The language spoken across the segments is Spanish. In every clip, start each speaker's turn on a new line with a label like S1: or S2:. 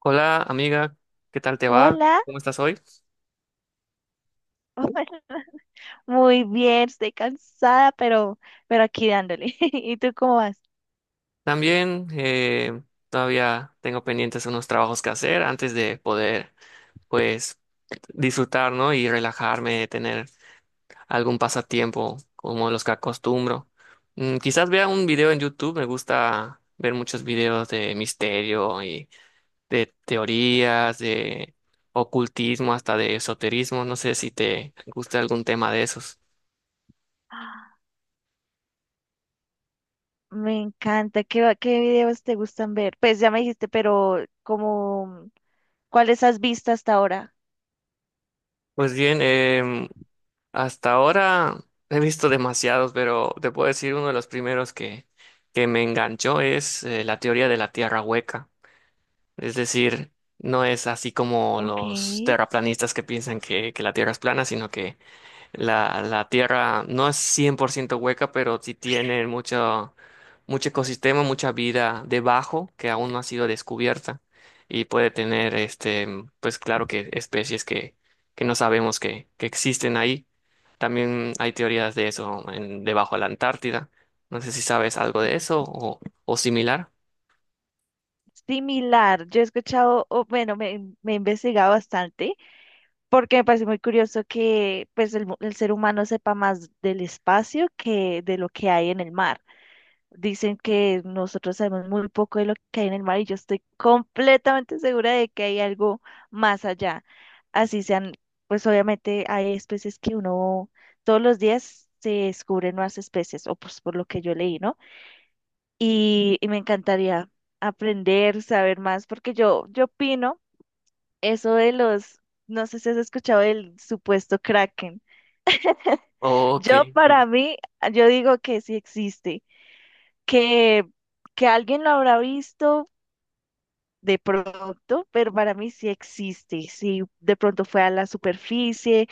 S1: Hola amiga, ¿qué tal te va?
S2: Hola,
S1: ¿Cómo estás hoy?
S2: hola, muy bien, estoy cansada, pero aquí dándole. ¿Y tú cómo vas?
S1: También todavía tengo pendientes unos trabajos que hacer antes de poder pues disfrutar, ¿no? Y relajarme, tener algún pasatiempo como los que acostumbro. Quizás vea un video en YouTube. Me gusta ver muchos videos de misterio y de teorías, de ocultismo, hasta de esoterismo. No sé si te gusta algún tema de esos.
S2: Me encanta. ¿Qué videos te gustan ver? Pues ya me dijiste, pero como, ¿cuáles has visto hasta ahora?
S1: Pues bien, hasta ahora he visto demasiados, pero te puedo decir uno de los primeros que me enganchó es la teoría de la tierra hueca. Es decir, no es así como
S2: Ok,
S1: los terraplanistas que piensan que la tierra es plana, sino que la tierra no es 100% hueca, pero sí tiene mucho, mucho ecosistema, mucha vida debajo que aún no ha sido descubierta y puede tener, este, pues claro que especies que no sabemos que existen ahí. También hay teorías de eso debajo de la Antártida. No sé si sabes algo de eso o similar.
S2: similar. Yo he escuchado, o bueno, me he investigado bastante porque me parece muy curioso que pues el ser humano sepa más del espacio que de lo que hay en el mar. Dicen que nosotros sabemos muy poco de lo que hay en el mar y yo estoy completamente segura de que hay algo más allá. Así sean, pues obviamente hay especies que uno todos los días se descubren nuevas especies, o pues por lo que yo leí, ¿no? Y me encantaría aprender, saber más, porque yo opino eso de los, no sé si has escuchado del supuesto Kraken.
S1: Ok.
S2: Yo para mí, yo digo que sí existe, que que alguien lo habrá visto, de pronto, pero para mí sí existe. Sí, de pronto fue a la superficie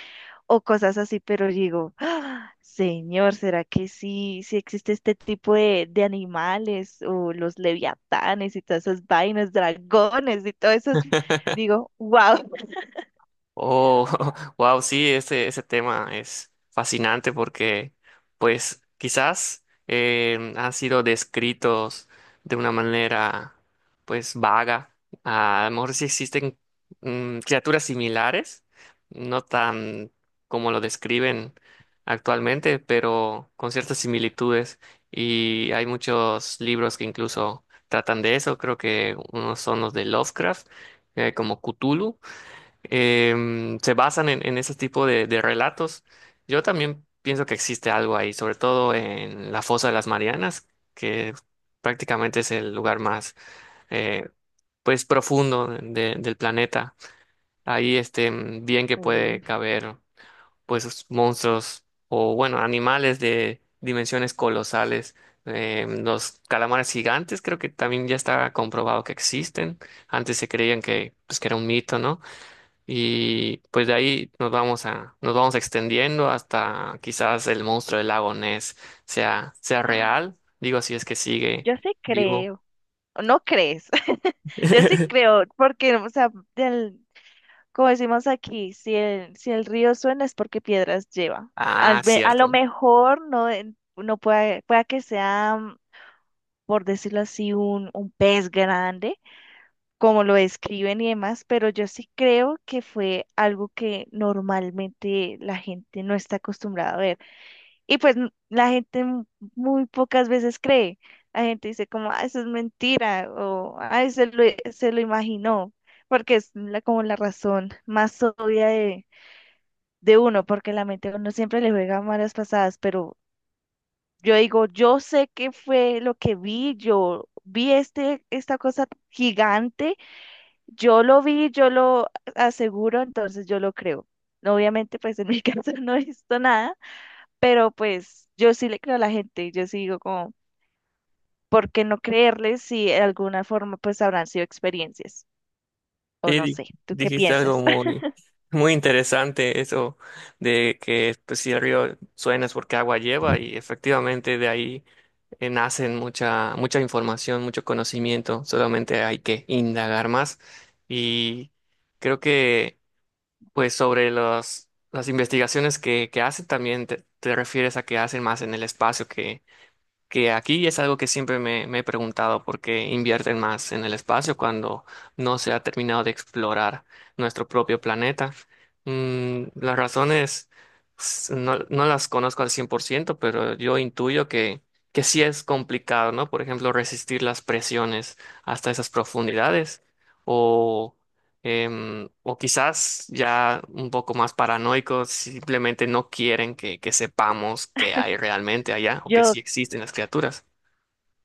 S2: o cosas así, pero digo, "Ah, señor, ¿será que sí existe este tipo de animales o los leviatanes y todas esas vainas, dragones y todo eso? Digo, wow."
S1: Oh, wow, sí, ese tema es fascinante porque, pues, quizás han sido descritos de una manera, pues, vaga. Ah, a lo mejor sí existen criaturas similares, no tan como lo describen actualmente, pero con ciertas similitudes. Y hay muchos libros que incluso tratan de eso. Creo que unos son los de Lovecraft, como Cthulhu se basan en ese tipo de relatos. Yo también pienso que existe algo ahí, sobre todo en la Fosa de las Marianas, que prácticamente es el lugar más eh, pues profundo del planeta. Ahí este bien que puede caber pues monstruos o bueno, animales de dimensiones colosales. Los calamares gigantes creo que también ya está comprobado que existen. Antes se creían que, pues, que era un mito, ¿no? Y pues de ahí nos vamos a, nos vamos extendiendo hasta quizás el monstruo del lago Ness sea, sea real. Digo, si es que sigue
S2: Yo sí
S1: vivo.
S2: creo. ¿O no crees? Yo sí creo, porque, o sea, del- Como decimos aquí, si el río suena es porque piedras lleva.
S1: Ah,
S2: A lo
S1: cierto.
S2: mejor no, no pueda que sea, por decirlo así, un pez grande, como lo describen y demás, pero yo sí creo que fue algo que normalmente la gente no está acostumbrada a ver. Y pues la gente muy pocas veces cree. La gente dice como, ah, eso es mentira, o ah, se lo imaginó, porque es la, como la razón más obvia de uno, porque la mente a uno siempre le juega malas pasadas, pero yo digo, yo sé qué fue lo que vi, yo vi esta cosa gigante, yo lo vi, yo lo aseguro, entonces yo lo creo. No, obviamente, pues en mi caso no he visto nada, pero pues yo sí le creo a la gente, yo sí digo como, ¿por qué no creerles si de alguna forma pues habrán sido experiencias? O
S1: Sí,
S2: no sé, ¿tú qué
S1: dijiste algo
S2: piensas?
S1: muy, muy interesante, eso de que pues, si el río suena es porque agua lleva, y efectivamente de ahí nacen mucha, mucha información, mucho conocimiento. Solamente hay que indagar más, y creo que pues sobre los, las investigaciones que hacen, también te refieres a que hacen más en el espacio que aquí, y es algo que siempre me, me he preguntado por qué invierten más en el espacio cuando no se ha terminado de explorar nuestro propio planeta. Las razones no, no las conozco al cien por ciento, pero yo intuyo que sí es complicado, ¿no? Por ejemplo, resistir las presiones hasta esas profundidades o o quizás ya un poco más paranoicos, simplemente no quieren que sepamos qué hay realmente allá o que
S2: Yo
S1: sí existen las criaturas.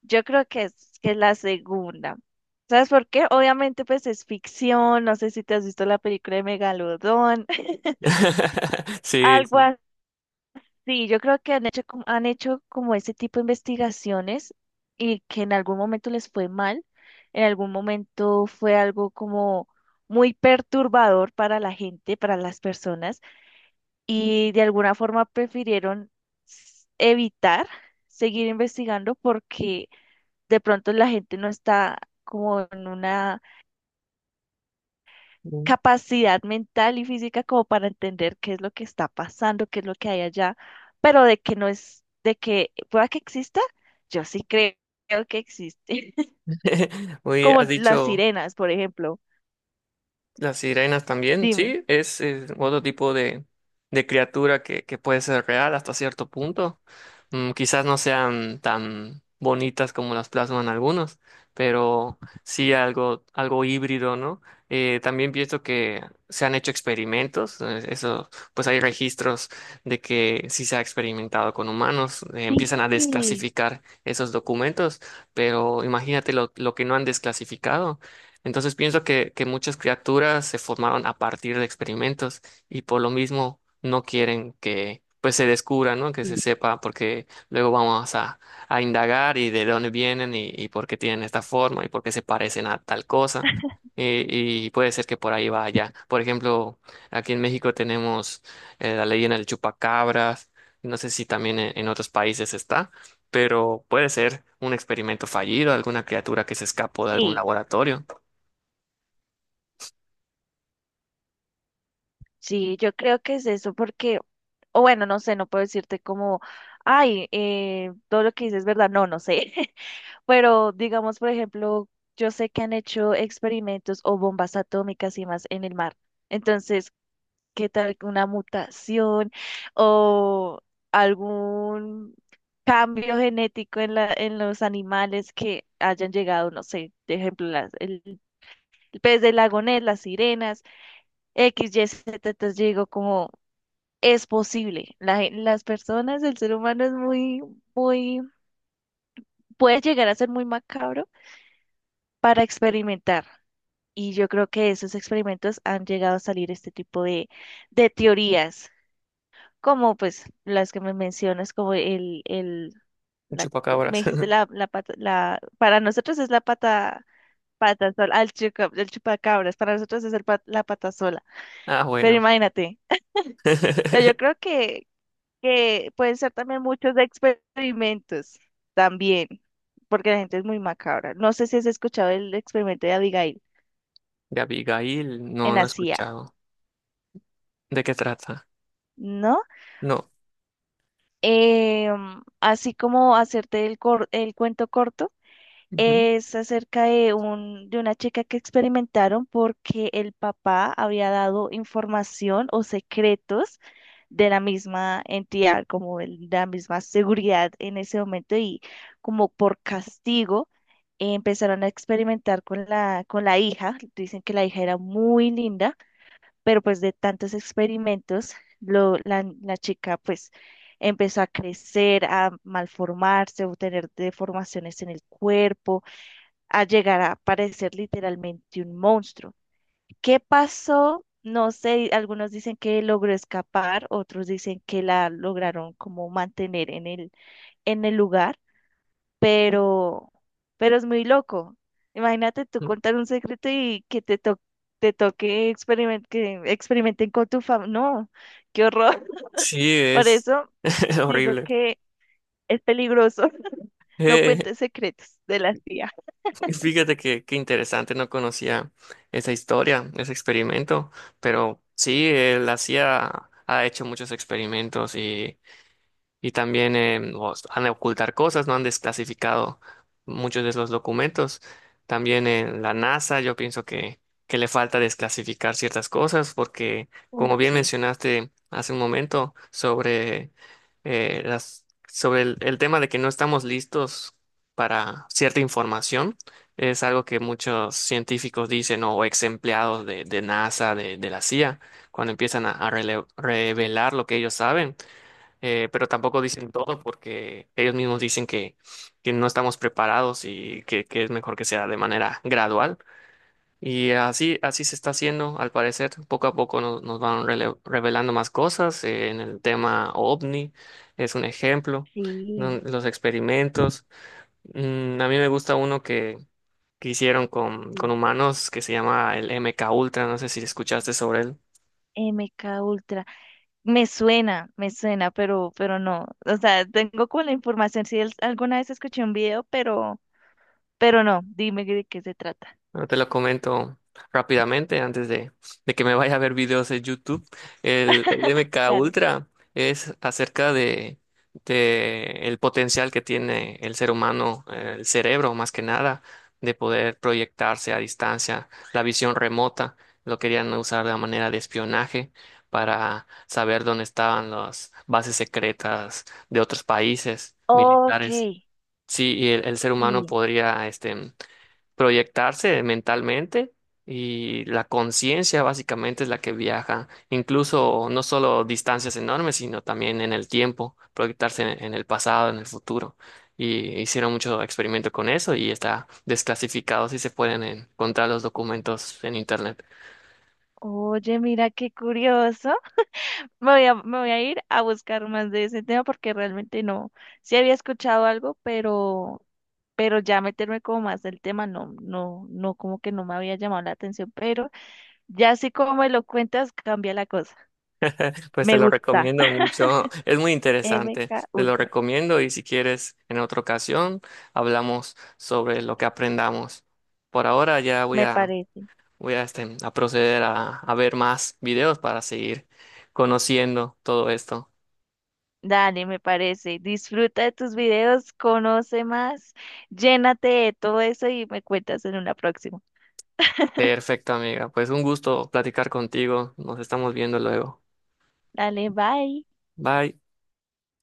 S2: Yo creo que es la segunda. ¿Sabes por qué? Obviamente, pues es ficción. No sé si te has visto la película de Megalodón.
S1: Sí,
S2: Algo
S1: sí.
S2: así. Yo creo que han hecho, han hecho como ese tipo de investigaciones y que en algún momento les fue mal. En algún momento fue algo como muy perturbador para la gente, para las personas. Y de alguna forma prefirieron evitar seguir investigando porque de pronto la gente no está como en una
S1: Mm.
S2: capacidad mental y física como para entender qué es lo que está pasando, qué es lo que hay allá, pero de que no es, de que pueda que exista, yo sí creo que existe.
S1: Oye,
S2: Como
S1: has
S2: las
S1: dicho...
S2: sirenas, por ejemplo.
S1: Las sirenas también,
S2: Dime.
S1: sí, es, otro tipo de criatura que puede ser real hasta cierto punto. Quizás no sean tan bonitas como las plasman algunos, pero sí algo, algo híbrido, ¿no? También pienso que se han hecho experimentos, eso, pues hay registros de que sí se ha experimentado con humanos.
S2: Sí,
S1: Empiezan a desclasificar esos documentos, pero imagínate lo que no han desclasificado. Entonces pienso que muchas criaturas se formaron a partir de experimentos, y por lo mismo no quieren que pues se descubra, ¿no? Que se
S2: sí,
S1: sepa, porque luego vamos a indagar y de dónde vienen y por qué tienen esta forma y por qué se parecen a tal cosa. Y puede ser que por ahí vaya. Por ejemplo, aquí en México tenemos la leyenda del chupacabras. No sé si también en otros países está, pero puede ser un experimento fallido, alguna criatura que se escapó de algún
S2: sí.
S1: laboratorio.
S2: Sí, yo creo que es eso porque, o bueno, no sé, no puedo decirte como, ay, todo lo que dices es verdad, no, no sé. Pero digamos, por ejemplo, yo sé que han hecho experimentos o bombas atómicas y más en el mar. Entonces, ¿qué tal que una mutación o algún cambio genético en los animales que hayan llegado, no sé, de ejemplo, el pez del lagonés, las sirenas, X, Y, Z, entonces yo digo como es posible. Las personas, el ser humano muy, puede llegar a ser muy macabro para experimentar. Y yo creo que de esos experimentos han llegado a salir este tipo de teorías, como pues las que me mencionas, como el
S1: Un
S2: me
S1: chupacabras.
S2: dijiste la, la pata, para nosotros es la pata, pata sola, ah, el chupacabras, para nosotros es la pata sola,
S1: Ah,
S2: pero
S1: bueno.
S2: imagínate, o sea, yo creo que pueden ser también muchos experimentos, también, porque la gente es muy macabra. No sé si has escuchado el experimento de Abigail
S1: De Abigail, no,
S2: en
S1: no he
S2: la CIA,
S1: escuchado. ¿De qué trata?
S2: ¿no?
S1: No.
S2: Así como hacerte el cuento corto,
S1: Ujú.
S2: es acerca de una chica que experimentaron porque el papá había dado información o secretos de la misma entidad, como de la misma seguridad en ese momento y como por castigo. Empezaron a experimentar con la hija. Dicen que la hija era muy linda pero pues de tantos experimentos, la chica pues empezó a crecer, a malformarse, a obtener deformaciones en el cuerpo, a llegar a parecer literalmente un monstruo. ¿Qué pasó? No sé, algunos dicen que logró escapar, otros dicen que la lograron como mantener en el lugar, pero, pero es muy loco. Imagínate tú contar un secreto y que te toque que experimenten con tu fam. No, qué horror.
S1: Sí,
S2: Por
S1: es
S2: eso digo
S1: horrible.
S2: que es peligroso. No
S1: Eh,
S2: cuentes secretos de la tía.
S1: Fíjate que qué interesante, no conocía esa historia, ese experimento, pero sí, él hacía, ha hecho muchos experimentos. Y también os han de ocultar cosas, no han desclasificado muchos de los documentos. También en la NASA, yo pienso que le falta desclasificar ciertas cosas porque,
S2: Uf,
S1: como bien
S2: sí,
S1: mencionaste hace un momento, sobre, las, sobre el tema de que no estamos listos para cierta información, es algo que muchos científicos dicen, ¿no? O ex empleados de NASA, de la CIA, cuando empiezan a revelar lo que ellos saben. Pero tampoco dicen todo porque ellos mismos dicen que no estamos preparados y que es mejor que sea de manera gradual. Y así, así se está haciendo, al parecer, poco a poco nos, nos van revelando más cosas. En el tema OVNI es un ejemplo, ¿no?
S2: sí.
S1: Los experimentos. A mí me gusta uno que hicieron con
S2: Sí.
S1: humanos que se llama el MK Ultra, no sé si escuchaste sobre él.
S2: MK Ultra. Me suena, pero no. O sea, tengo como la información. Si alguna vez escuché un video, pero no. Dime de qué se trata.
S1: Bueno, te lo comento rápidamente antes de que me vaya a ver videos de YouTube. El MK
S2: Dale.
S1: Ultra es acerca de el potencial que tiene el ser humano, el cerebro más que nada, de poder proyectarse a distancia, la visión remota. Lo querían usar de manera de espionaje para saber dónde estaban las bases secretas de otros países
S2: Ok.
S1: militares. Sí, y el ser humano
S2: Sí.
S1: podría este proyectarse mentalmente, y la conciencia básicamente es la que viaja, incluso no solo distancias enormes, sino también en el tiempo, proyectarse en el pasado, en el futuro. Y hicieron mucho experimento con eso y está desclasificado si se pueden encontrar los documentos en internet.
S2: Oye, mira qué curioso. Me voy a ir a buscar más de ese tema porque realmente no. Sí había escuchado algo, pero ya meterme como más del tema, no, no, no, como que no me había llamado la atención. Pero ya así como me lo cuentas, cambia la cosa.
S1: Pues te
S2: Me
S1: lo
S2: gusta.
S1: recomiendo mucho, es muy
S2: M
S1: interesante,
S2: K
S1: te lo
S2: Ultra.
S1: recomiendo, y si quieres en otra ocasión hablamos sobre lo que aprendamos. Por ahora ya voy
S2: Me
S1: a
S2: parece.
S1: voy a, este, a proceder a ver más videos para seguir conociendo todo esto.
S2: Dale, me parece. Disfruta de tus videos, conoce más, llénate de todo eso y me cuentas en una próxima.
S1: Perfecto, amiga. Pues un gusto platicar contigo. Nos estamos viendo luego.
S2: Dale, bye.
S1: Bye.